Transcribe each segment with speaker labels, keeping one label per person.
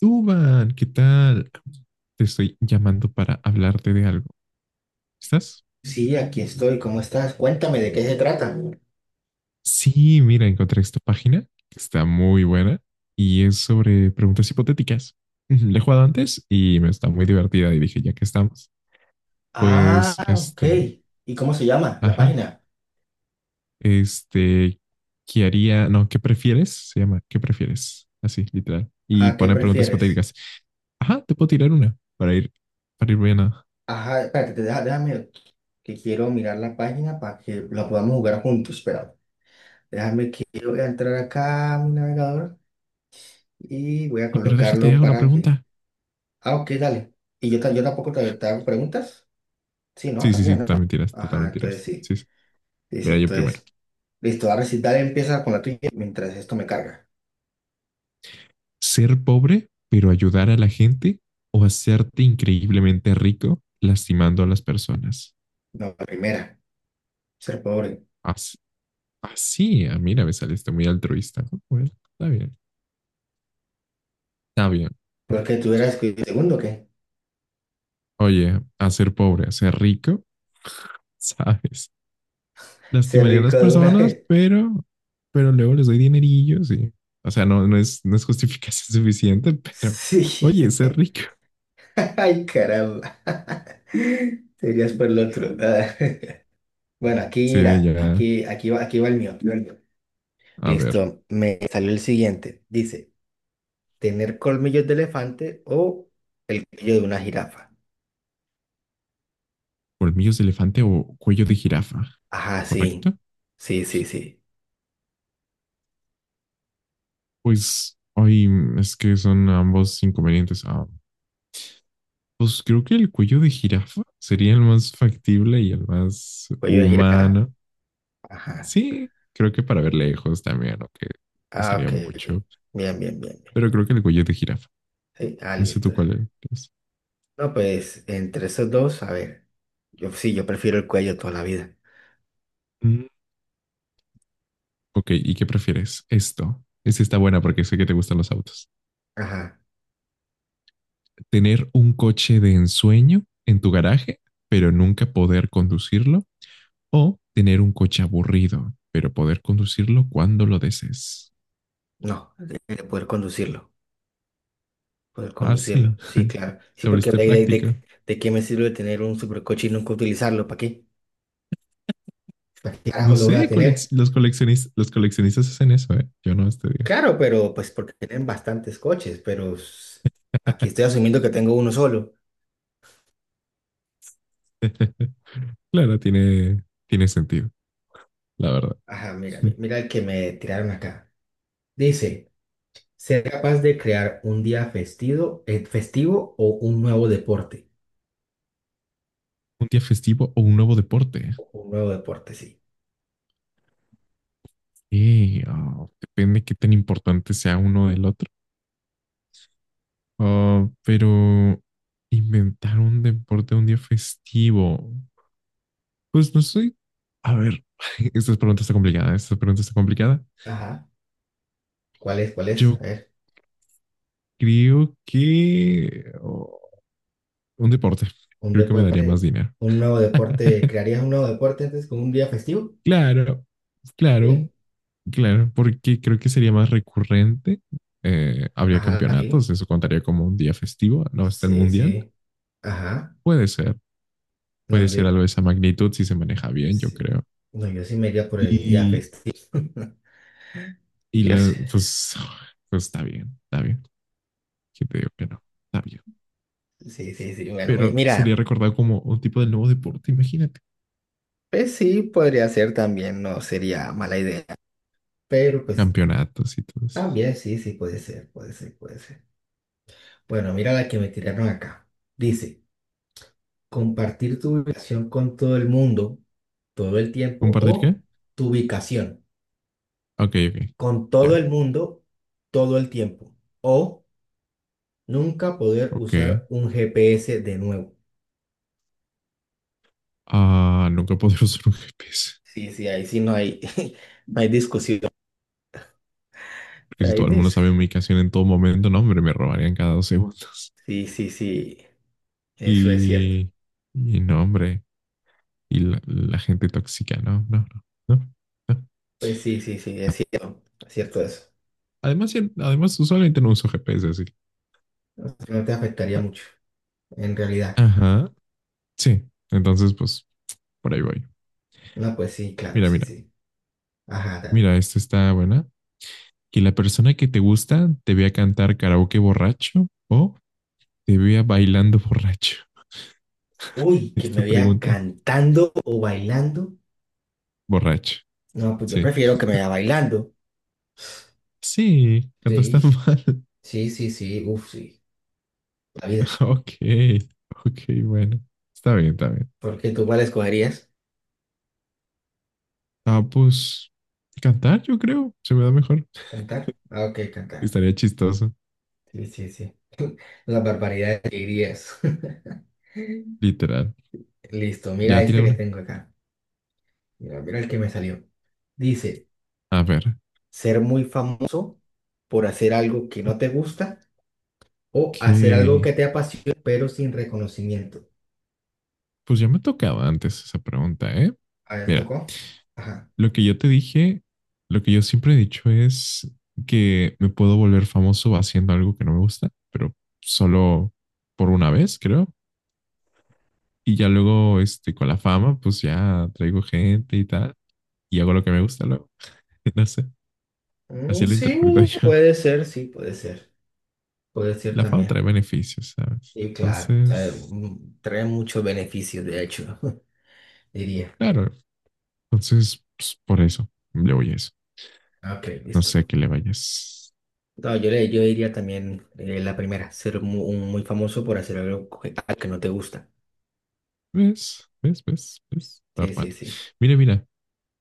Speaker 1: Duban, ¿qué tal? Te estoy llamando para hablarte de algo. ¿Estás?
Speaker 2: Sí, aquí estoy. ¿Cómo estás? Cuéntame de qué se trata.
Speaker 1: Sí, mira, encontré esta página. Está muy buena y es sobre preguntas hipotéticas. Ujú, la he jugado antes y me está muy divertida y dije, ya que estamos,
Speaker 2: Ah,
Speaker 1: pues,
Speaker 2: ok. ¿Y cómo se llama la
Speaker 1: ajá,
Speaker 2: página?
Speaker 1: este, ¿qué haría? No, ¿qué prefieres? Se llama, ¿qué prefieres? Así, literal. Y
Speaker 2: ¿A qué
Speaker 1: pone preguntas
Speaker 2: prefieres?
Speaker 1: hipotéticas. Ajá, te puedo tirar una para para ir bien a...
Speaker 2: Ajá, espérate, déjame que quiero mirar la página para que la podamos jugar juntos. Espera, déjame que yo voy a entrar acá a mi navegador y voy a
Speaker 1: Sí, pero déjate,
Speaker 2: colocarlo
Speaker 1: hago la
Speaker 2: para que.
Speaker 1: pregunta.
Speaker 2: Ah, ok, dale. ¿Y yo, yo tampoco te, te hago preguntas? Sí, no,
Speaker 1: Sí, sí, sí,
Speaker 2: también, ¿no?
Speaker 1: totalmente
Speaker 2: Ajá,
Speaker 1: totalmente
Speaker 2: entonces
Speaker 1: tiras.
Speaker 2: sí.
Speaker 1: Sí, sí.
Speaker 2: Sí, sí,
Speaker 1: Mira, yo primero.
Speaker 2: entonces. Listo, ahora sí, dale, empieza con la tuya mientras esto me carga.
Speaker 1: Ser pobre, pero ayudar a la gente o hacerte increíblemente rico lastimando a las personas.
Speaker 2: No, la primera, ser pobre.
Speaker 1: Así, así mira, me saliste muy altruista. Ah, bueno, está bien, está bien.
Speaker 2: Porque tú eras segundo, ¿qué?
Speaker 1: Oye, hacer pobre, hacer rico, ¿sabes?
Speaker 2: Ser
Speaker 1: Lastimaría a las
Speaker 2: rico de una
Speaker 1: personas,
Speaker 2: vez.
Speaker 1: pero, pero luego les doy dinerillos o sea, no es justificación suficiente, pero,
Speaker 2: Sí.
Speaker 1: oye, ser rico.
Speaker 2: Ay, caramba. Serías por el otro. Ah, bueno, aquí,
Speaker 1: Sí,
Speaker 2: mira,
Speaker 1: ya,
Speaker 2: aquí va el mío, aquí va el mío.
Speaker 1: a ver.
Speaker 2: Listo, me salió el siguiente. Dice, ¿tener colmillos de elefante o el cuello de una jirafa?
Speaker 1: Colmillos de elefante o cuello de jirafa,
Speaker 2: Ajá, sí.
Speaker 1: ¿correcto?
Speaker 2: Sí, sí, sí.
Speaker 1: Pues, ay, es que son ambos inconvenientes. Ah, pues creo que el cuello de jirafa sería el más factible y el más
Speaker 2: Cuello de jirafa.
Speaker 1: humano.
Speaker 2: Ajá.
Speaker 1: Sí, creo que para ver lejos también, aunque
Speaker 2: Ah,
Speaker 1: pesaría
Speaker 2: ok. Ok.
Speaker 1: mucho,
Speaker 2: Bien, bien, bien.
Speaker 1: pero creo que el cuello de jirafa.
Speaker 2: Sí, ah,
Speaker 1: No sé
Speaker 2: listo.
Speaker 1: tú cuál es.
Speaker 2: No, pues, entre esos dos, a ver. Yo sí, yo prefiero el cuello toda la vida.
Speaker 1: Mm, ok, ¿y qué prefieres? Esto. Esta está buena porque sé que te gustan los autos.
Speaker 2: Ajá.
Speaker 1: ¿Tener un coche de ensueño en tu garaje, pero nunca poder conducirlo? O tener un coche aburrido, pero poder conducirlo cuando lo desees.
Speaker 2: No, de poder conducirlo. Poder
Speaker 1: Ah,
Speaker 2: conducirlo.
Speaker 1: sí,
Speaker 2: Sí, claro. Sí,
Speaker 1: te
Speaker 2: porque
Speaker 1: volviste
Speaker 2: de, de,
Speaker 1: práctico.
Speaker 2: de, de qué me sirve tener un supercoche y nunca utilizarlo. ¿Para qué? ¿Para qué carajo
Speaker 1: No
Speaker 2: lo voy a
Speaker 1: sé,
Speaker 2: tener?
Speaker 1: coleccionistas los coleccionistas hacen eso, ¿eh? Yo no este día.
Speaker 2: Claro, pero pues porque tienen bastantes coches, pero aquí estoy asumiendo que tengo uno solo.
Speaker 1: Claro, tiene sentido, la verdad.
Speaker 2: Ajá, mira,
Speaker 1: Un
Speaker 2: mira el que me tiraron acá. Dice, ser capaz de crear un día festivo, festivo o un nuevo deporte.
Speaker 1: día festivo o un nuevo deporte.
Speaker 2: Un nuevo deporte, sí.
Speaker 1: Oh, depende qué tan importante sea uno del otro. Oh, pero inventar un deporte un día festivo. Pues no soy. A ver, esta pregunta está complicada. Esta pregunta está complicada.
Speaker 2: Ajá. ¿Cuál es? ¿Cuál es? A
Speaker 1: Yo
Speaker 2: ver.
Speaker 1: Creo que un deporte.
Speaker 2: Un
Speaker 1: Creo que me daría más
Speaker 2: deporte,
Speaker 1: dinero.
Speaker 2: un nuevo deporte, ¿crearías un nuevo deporte antes con un día festivo?
Speaker 1: Claro, claro,
Speaker 2: Sí.
Speaker 1: claro, porque creo que sería más recurrente. Habría
Speaker 2: Ajá, sí,
Speaker 1: campeonatos, eso contaría como un día festivo, ¿no? Está el
Speaker 2: sí,
Speaker 1: mundial.
Speaker 2: sí, ajá.
Speaker 1: Puede ser,
Speaker 2: No,
Speaker 1: puede
Speaker 2: yo,
Speaker 1: ser algo de esa magnitud si se maneja bien, yo
Speaker 2: sí.
Speaker 1: creo.
Speaker 2: No, yo sí me iría por el día
Speaker 1: Y,
Speaker 2: festivo. Yo sé.
Speaker 1: pues, pues está bien, está bien. ¿Qué te digo que no? Está bien.
Speaker 2: Sí, sí, sí, bueno,
Speaker 1: Pero sería
Speaker 2: mira,
Speaker 1: recordado como un tipo de nuevo deporte, imagínate.
Speaker 2: pues sí, podría ser también, no sería mala idea, pero pues
Speaker 1: Campeonatos y todo eso.
Speaker 2: también sí, sí, puede ser, puede ser, puede ser. Bueno, mira la que me tiraron acá. Dice, compartir tu ubicación con todo el mundo todo el tiempo
Speaker 1: ¿Compartir qué?
Speaker 2: o tu ubicación,
Speaker 1: Ok, ok.
Speaker 2: con todo
Speaker 1: Ya,
Speaker 2: el mundo todo el tiempo o nunca poder
Speaker 1: ok.
Speaker 2: usar un GPS de nuevo.
Speaker 1: Ah, nunca podré usar un GPS.
Speaker 2: Sí, sí, ahí sí no hay, no hay discusión.
Speaker 1: Porque si
Speaker 2: Ahí
Speaker 1: todo el mundo
Speaker 2: dis-
Speaker 1: sabe mi ubicación en todo momento, no, hombre, me robarían cada dos segundos.
Speaker 2: Sí, sí, sí, eso es cierto.
Speaker 1: Y, y no, hombre. Y la gente tóxica, no, no, no, no, no,
Speaker 2: Pues sí, sí, sí,
Speaker 1: no.
Speaker 2: es cierto eso.
Speaker 1: Además, usualmente no uso GPS así.
Speaker 2: No te afectaría mucho, en realidad.
Speaker 1: Ajá, sí. Entonces, pues, por ahí voy.
Speaker 2: No, pues sí, claro,
Speaker 1: Mira,
Speaker 2: sí,
Speaker 1: mira,
Speaker 2: sí. Ajá, dale.
Speaker 1: mira, esta está buena. Que la persona que te gusta te vea cantar karaoke borracho o te vea bailando borracho.
Speaker 2: Uy, que me
Speaker 1: Esta
Speaker 2: vea
Speaker 1: pregunta.
Speaker 2: cantando o bailando.
Speaker 1: Borracho,
Speaker 2: No, pues yo
Speaker 1: sí.
Speaker 2: prefiero que me vea bailando.
Speaker 1: Sí, cantaste
Speaker 2: Sí,
Speaker 1: mal.
Speaker 2: sí, sí, sí, uff, sí. La vida.
Speaker 1: Ok, ok, bueno. Está bien, está bien.
Speaker 2: ¿Por qué tú cuál escogerías?
Speaker 1: Ah, pues cantar, yo creo. Se me da mejor.
Speaker 2: ¿Cantar? Ah, ok, cantar.
Speaker 1: Estaría chistoso,
Speaker 2: Sí, sí, sí. Las barbaridades que dirías.
Speaker 1: literal.
Speaker 2: Listo, mira
Speaker 1: Ya tiré
Speaker 2: este que
Speaker 1: una.
Speaker 2: tengo acá. Mira, mira el que me salió. Dice,
Speaker 1: A ver.
Speaker 2: ser muy famoso por hacer algo que no te gusta o hacer algo
Speaker 1: Ok.
Speaker 2: que te apasiona pero sin reconocimiento.
Speaker 1: Pues ya me tocaba antes esa pregunta, ¿eh?
Speaker 2: A ver,
Speaker 1: Mira,
Speaker 2: ¿tocó? Ajá.
Speaker 1: lo que yo te dije, lo que yo siempre he dicho es que me puedo volver famoso haciendo algo que no me gusta, pero solo por una vez, creo. Y ya luego, con la fama, pues ya traigo gente y tal, y hago lo que me gusta luego. No sé,
Speaker 2: Mm,
Speaker 1: así lo interpreto
Speaker 2: sí,
Speaker 1: yo.
Speaker 2: puede ser, sí, puede ser. Puede ser
Speaker 1: La fama trae
Speaker 2: también.
Speaker 1: beneficios, ¿sabes?
Speaker 2: Y claro, o sea,
Speaker 1: Entonces,
Speaker 2: mm, trae muchos beneficios, de hecho, diría.
Speaker 1: claro, entonces, pues, por eso le voy a eso.
Speaker 2: Ok,
Speaker 1: No sé a
Speaker 2: listo.
Speaker 1: qué le vayas.
Speaker 2: No, yo, le, yo diría también la primera, ser un muy, famoso por hacer algo que no te gusta.
Speaker 1: ¿Ves? ¿Ves? ¿Ves? ¿Ves?
Speaker 2: Sí,
Speaker 1: Normal.
Speaker 2: sí, sí.
Speaker 1: Mira, mira,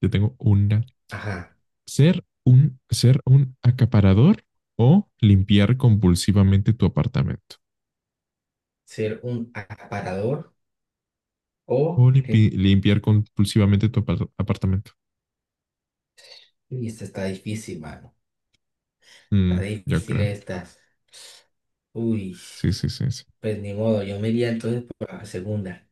Speaker 1: yo tengo una.
Speaker 2: Ajá.
Speaker 1: Ser un acaparador o limpiar compulsivamente tu apartamento.
Speaker 2: Ser un aparador o...
Speaker 1: O
Speaker 2: lim-
Speaker 1: limpiar compulsivamente tu apartamento.
Speaker 2: Uy, esta está difícil, mano. Está
Speaker 1: Mm, yo
Speaker 2: difícil
Speaker 1: creo.
Speaker 2: esta. Uy,
Speaker 1: Sí, sí, sí, sí.
Speaker 2: pues ni modo, yo me iría entonces por la segunda.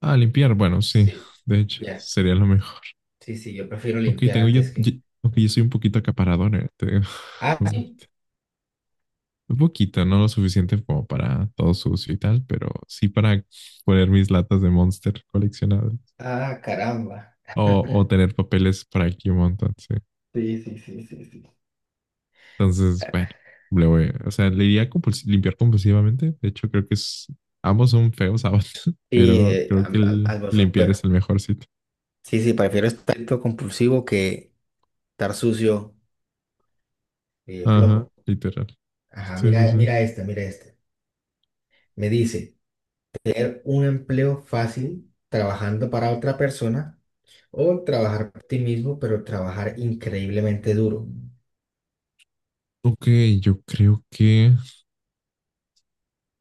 Speaker 1: Ah, limpiar, bueno, sí.
Speaker 2: Sí,
Speaker 1: De hecho,
Speaker 2: ya.
Speaker 1: sería lo mejor.
Speaker 2: Sí, sí, yo prefiero
Speaker 1: Ok,
Speaker 2: limpiar antes que...
Speaker 1: ok, yo soy un poquito acaparador, te digo.
Speaker 2: Ah, sí.
Speaker 1: Un poquito, no lo suficiente como para todo sucio y tal, pero sí para poner mis latas de Monster coleccionadas
Speaker 2: Ah, caramba.
Speaker 1: o tener papeles por aquí un montón, sí.
Speaker 2: Sí, sí, sí, sí, sí.
Speaker 1: Entonces, bueno, le voy, o sea, le iría a limpiar compulsivamente. De hecho, creo que es, ambos son feos, ambos,
Speaker 2: Sí,
Speaker 1: pero creo que el
Speaker 2: al bosón,
Speaker 1: limpiar es
Speaker 2: pero...
Speaker 1: el mejor sitio.
Speaker 2: Sí, sí, prefiero estar compulsivo que... estar sucio y
Speaker 1: Ajá,
Speaker 2: flojo.
Speaker 1: literal.
Speaker 2: Ajá,
Speaker 1: Sí, sí,
Speaker 2: mira,
Speaker 1: sí.
Speaker 2: mira este, mira este. Me dice, tener un empleo fácil trabajando para otra persona o trabajar para ti mismo, pero trabajar increíblemente duro.
Speaker 1: Ok, yo creo que,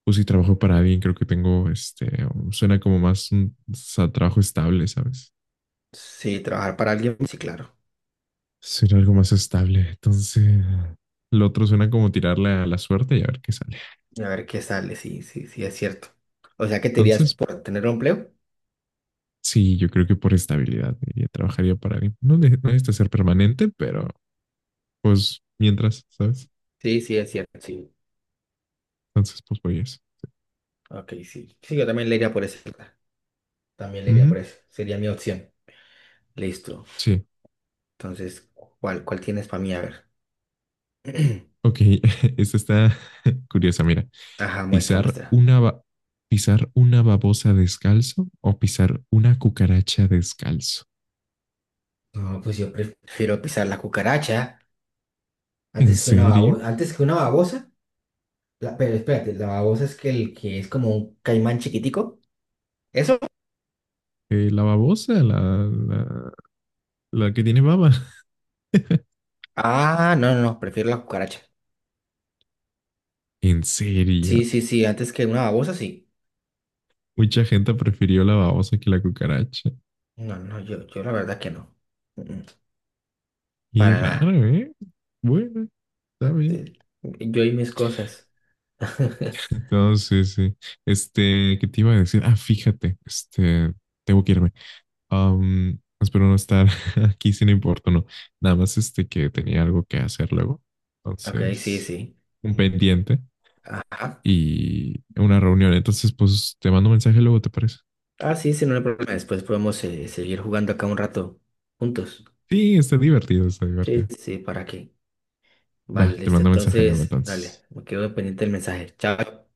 Speaker 1: pues si trabajo para alguien, creo que tengo, suena como más un trabajo estable, ¿sabes?
Speaker 2: Sí, trabajar para alguien, sí, claro.
Speaker 1: Suena algo más estable. Entonces, lo otro suena como tirarle a la suerte y a ver qué sale.
Speaker 2: A ver qué sale, sí, sí, sí, es cierto. O sea, ¿qué te dirías
Speaker 1: Entonces,
Speaker 2: por tener un empleo?
Speaker 1: sí, yo creo que por estabilidad diría, trabajaría para alguien. No necesita ser permanente, pero pues mientras, ¿sabes?
Speaker 2: Sí, sí, es cierto, sí.
Speaker 1: Entonces, pues voy a eso.
Speaker 2: Ok, sí. Sí, yo también le iría por eso. También le iría por
Speaker 1: Ujú,
Speaker 2: eso. Sería mi opción. Listo.
Speaker 1: sí,
Speaker 2: Entonces, cuál tienes para mí? A ver.
Speaker 1: ok, esta está curiosa, mira.
Speaker 2: Ajá, muestra,
Speaker 1: ¿Pisar
Speaker 2: muestra.
Speaker 1: una, ¿pisar una babosa descalzo o pisar una cucaracha descalzo?
Speaker 2: No, pues yo prefiero pisar la cucaracha
Speaker 1: ¿En
Speaker 2: antes que una
Speaker 1: serio?
Speaker 2: babosa. Antes que una babosa. La- pero espérate, la babosa es que el que es como un caimán chiquitico. ¿Eso?
Speaker 1: La babosa, la, la que tiene baba.
Speaker 2: Ah, no, no, no, prefiero la cucaracha.
Speaker 1: ¿En serio?
Speaker 2: Sí, sí, sí, antes que una babosa, sí.
Speaker 1: Mucha gente prefirió la babosa que la cucaracha.
Speaker 2: No, no, yo la verdad que no. Mm,
Speaker 1: Y
Speaker 2: para
Speaker 1: raro,
Speaker 2: nada.
Speaker 1: ¿eh? Bueno, está bien.
Speaker 2: Eh, Yo y mis cosas.
Speaker 1: Entonces, sí. Este, ¿qué te iba a decir? Ah, fíjate, este, tengo que irme. Am, espero no estar aquí sin importuno. Nada más este que tenía algo que hacer luego.
Speaker 2: Ok, sí,
Speaker 1: Entonces,
Speaker 2: sí.
Speaker 1: un pendiente
Speaker 2: Ajá.
Speaker 1: y una reunión. Entonces, pues te mando un mensaje luego, ¿te parece?
Speaker 2: Ah, sí, sí, no hay problema. Después podemos seguir jugando acá un rato juntos.
Speaker 1: Sí, está divertido, está
Speaker 2: Sí,
Speaker 1: divertido.
Speaker 2: sí, sí, ¿para qué?
Speaker 1: Va,
Speaker 2: Vale,
Speaker 1: te
Speaker 2: listo.
Speaker 1: mando un mensaje luego
Speaker 2: Entonces, dale,
Speaker 1: entonces.
Speaker 2: me quedo pendiente del mensaje. Chao.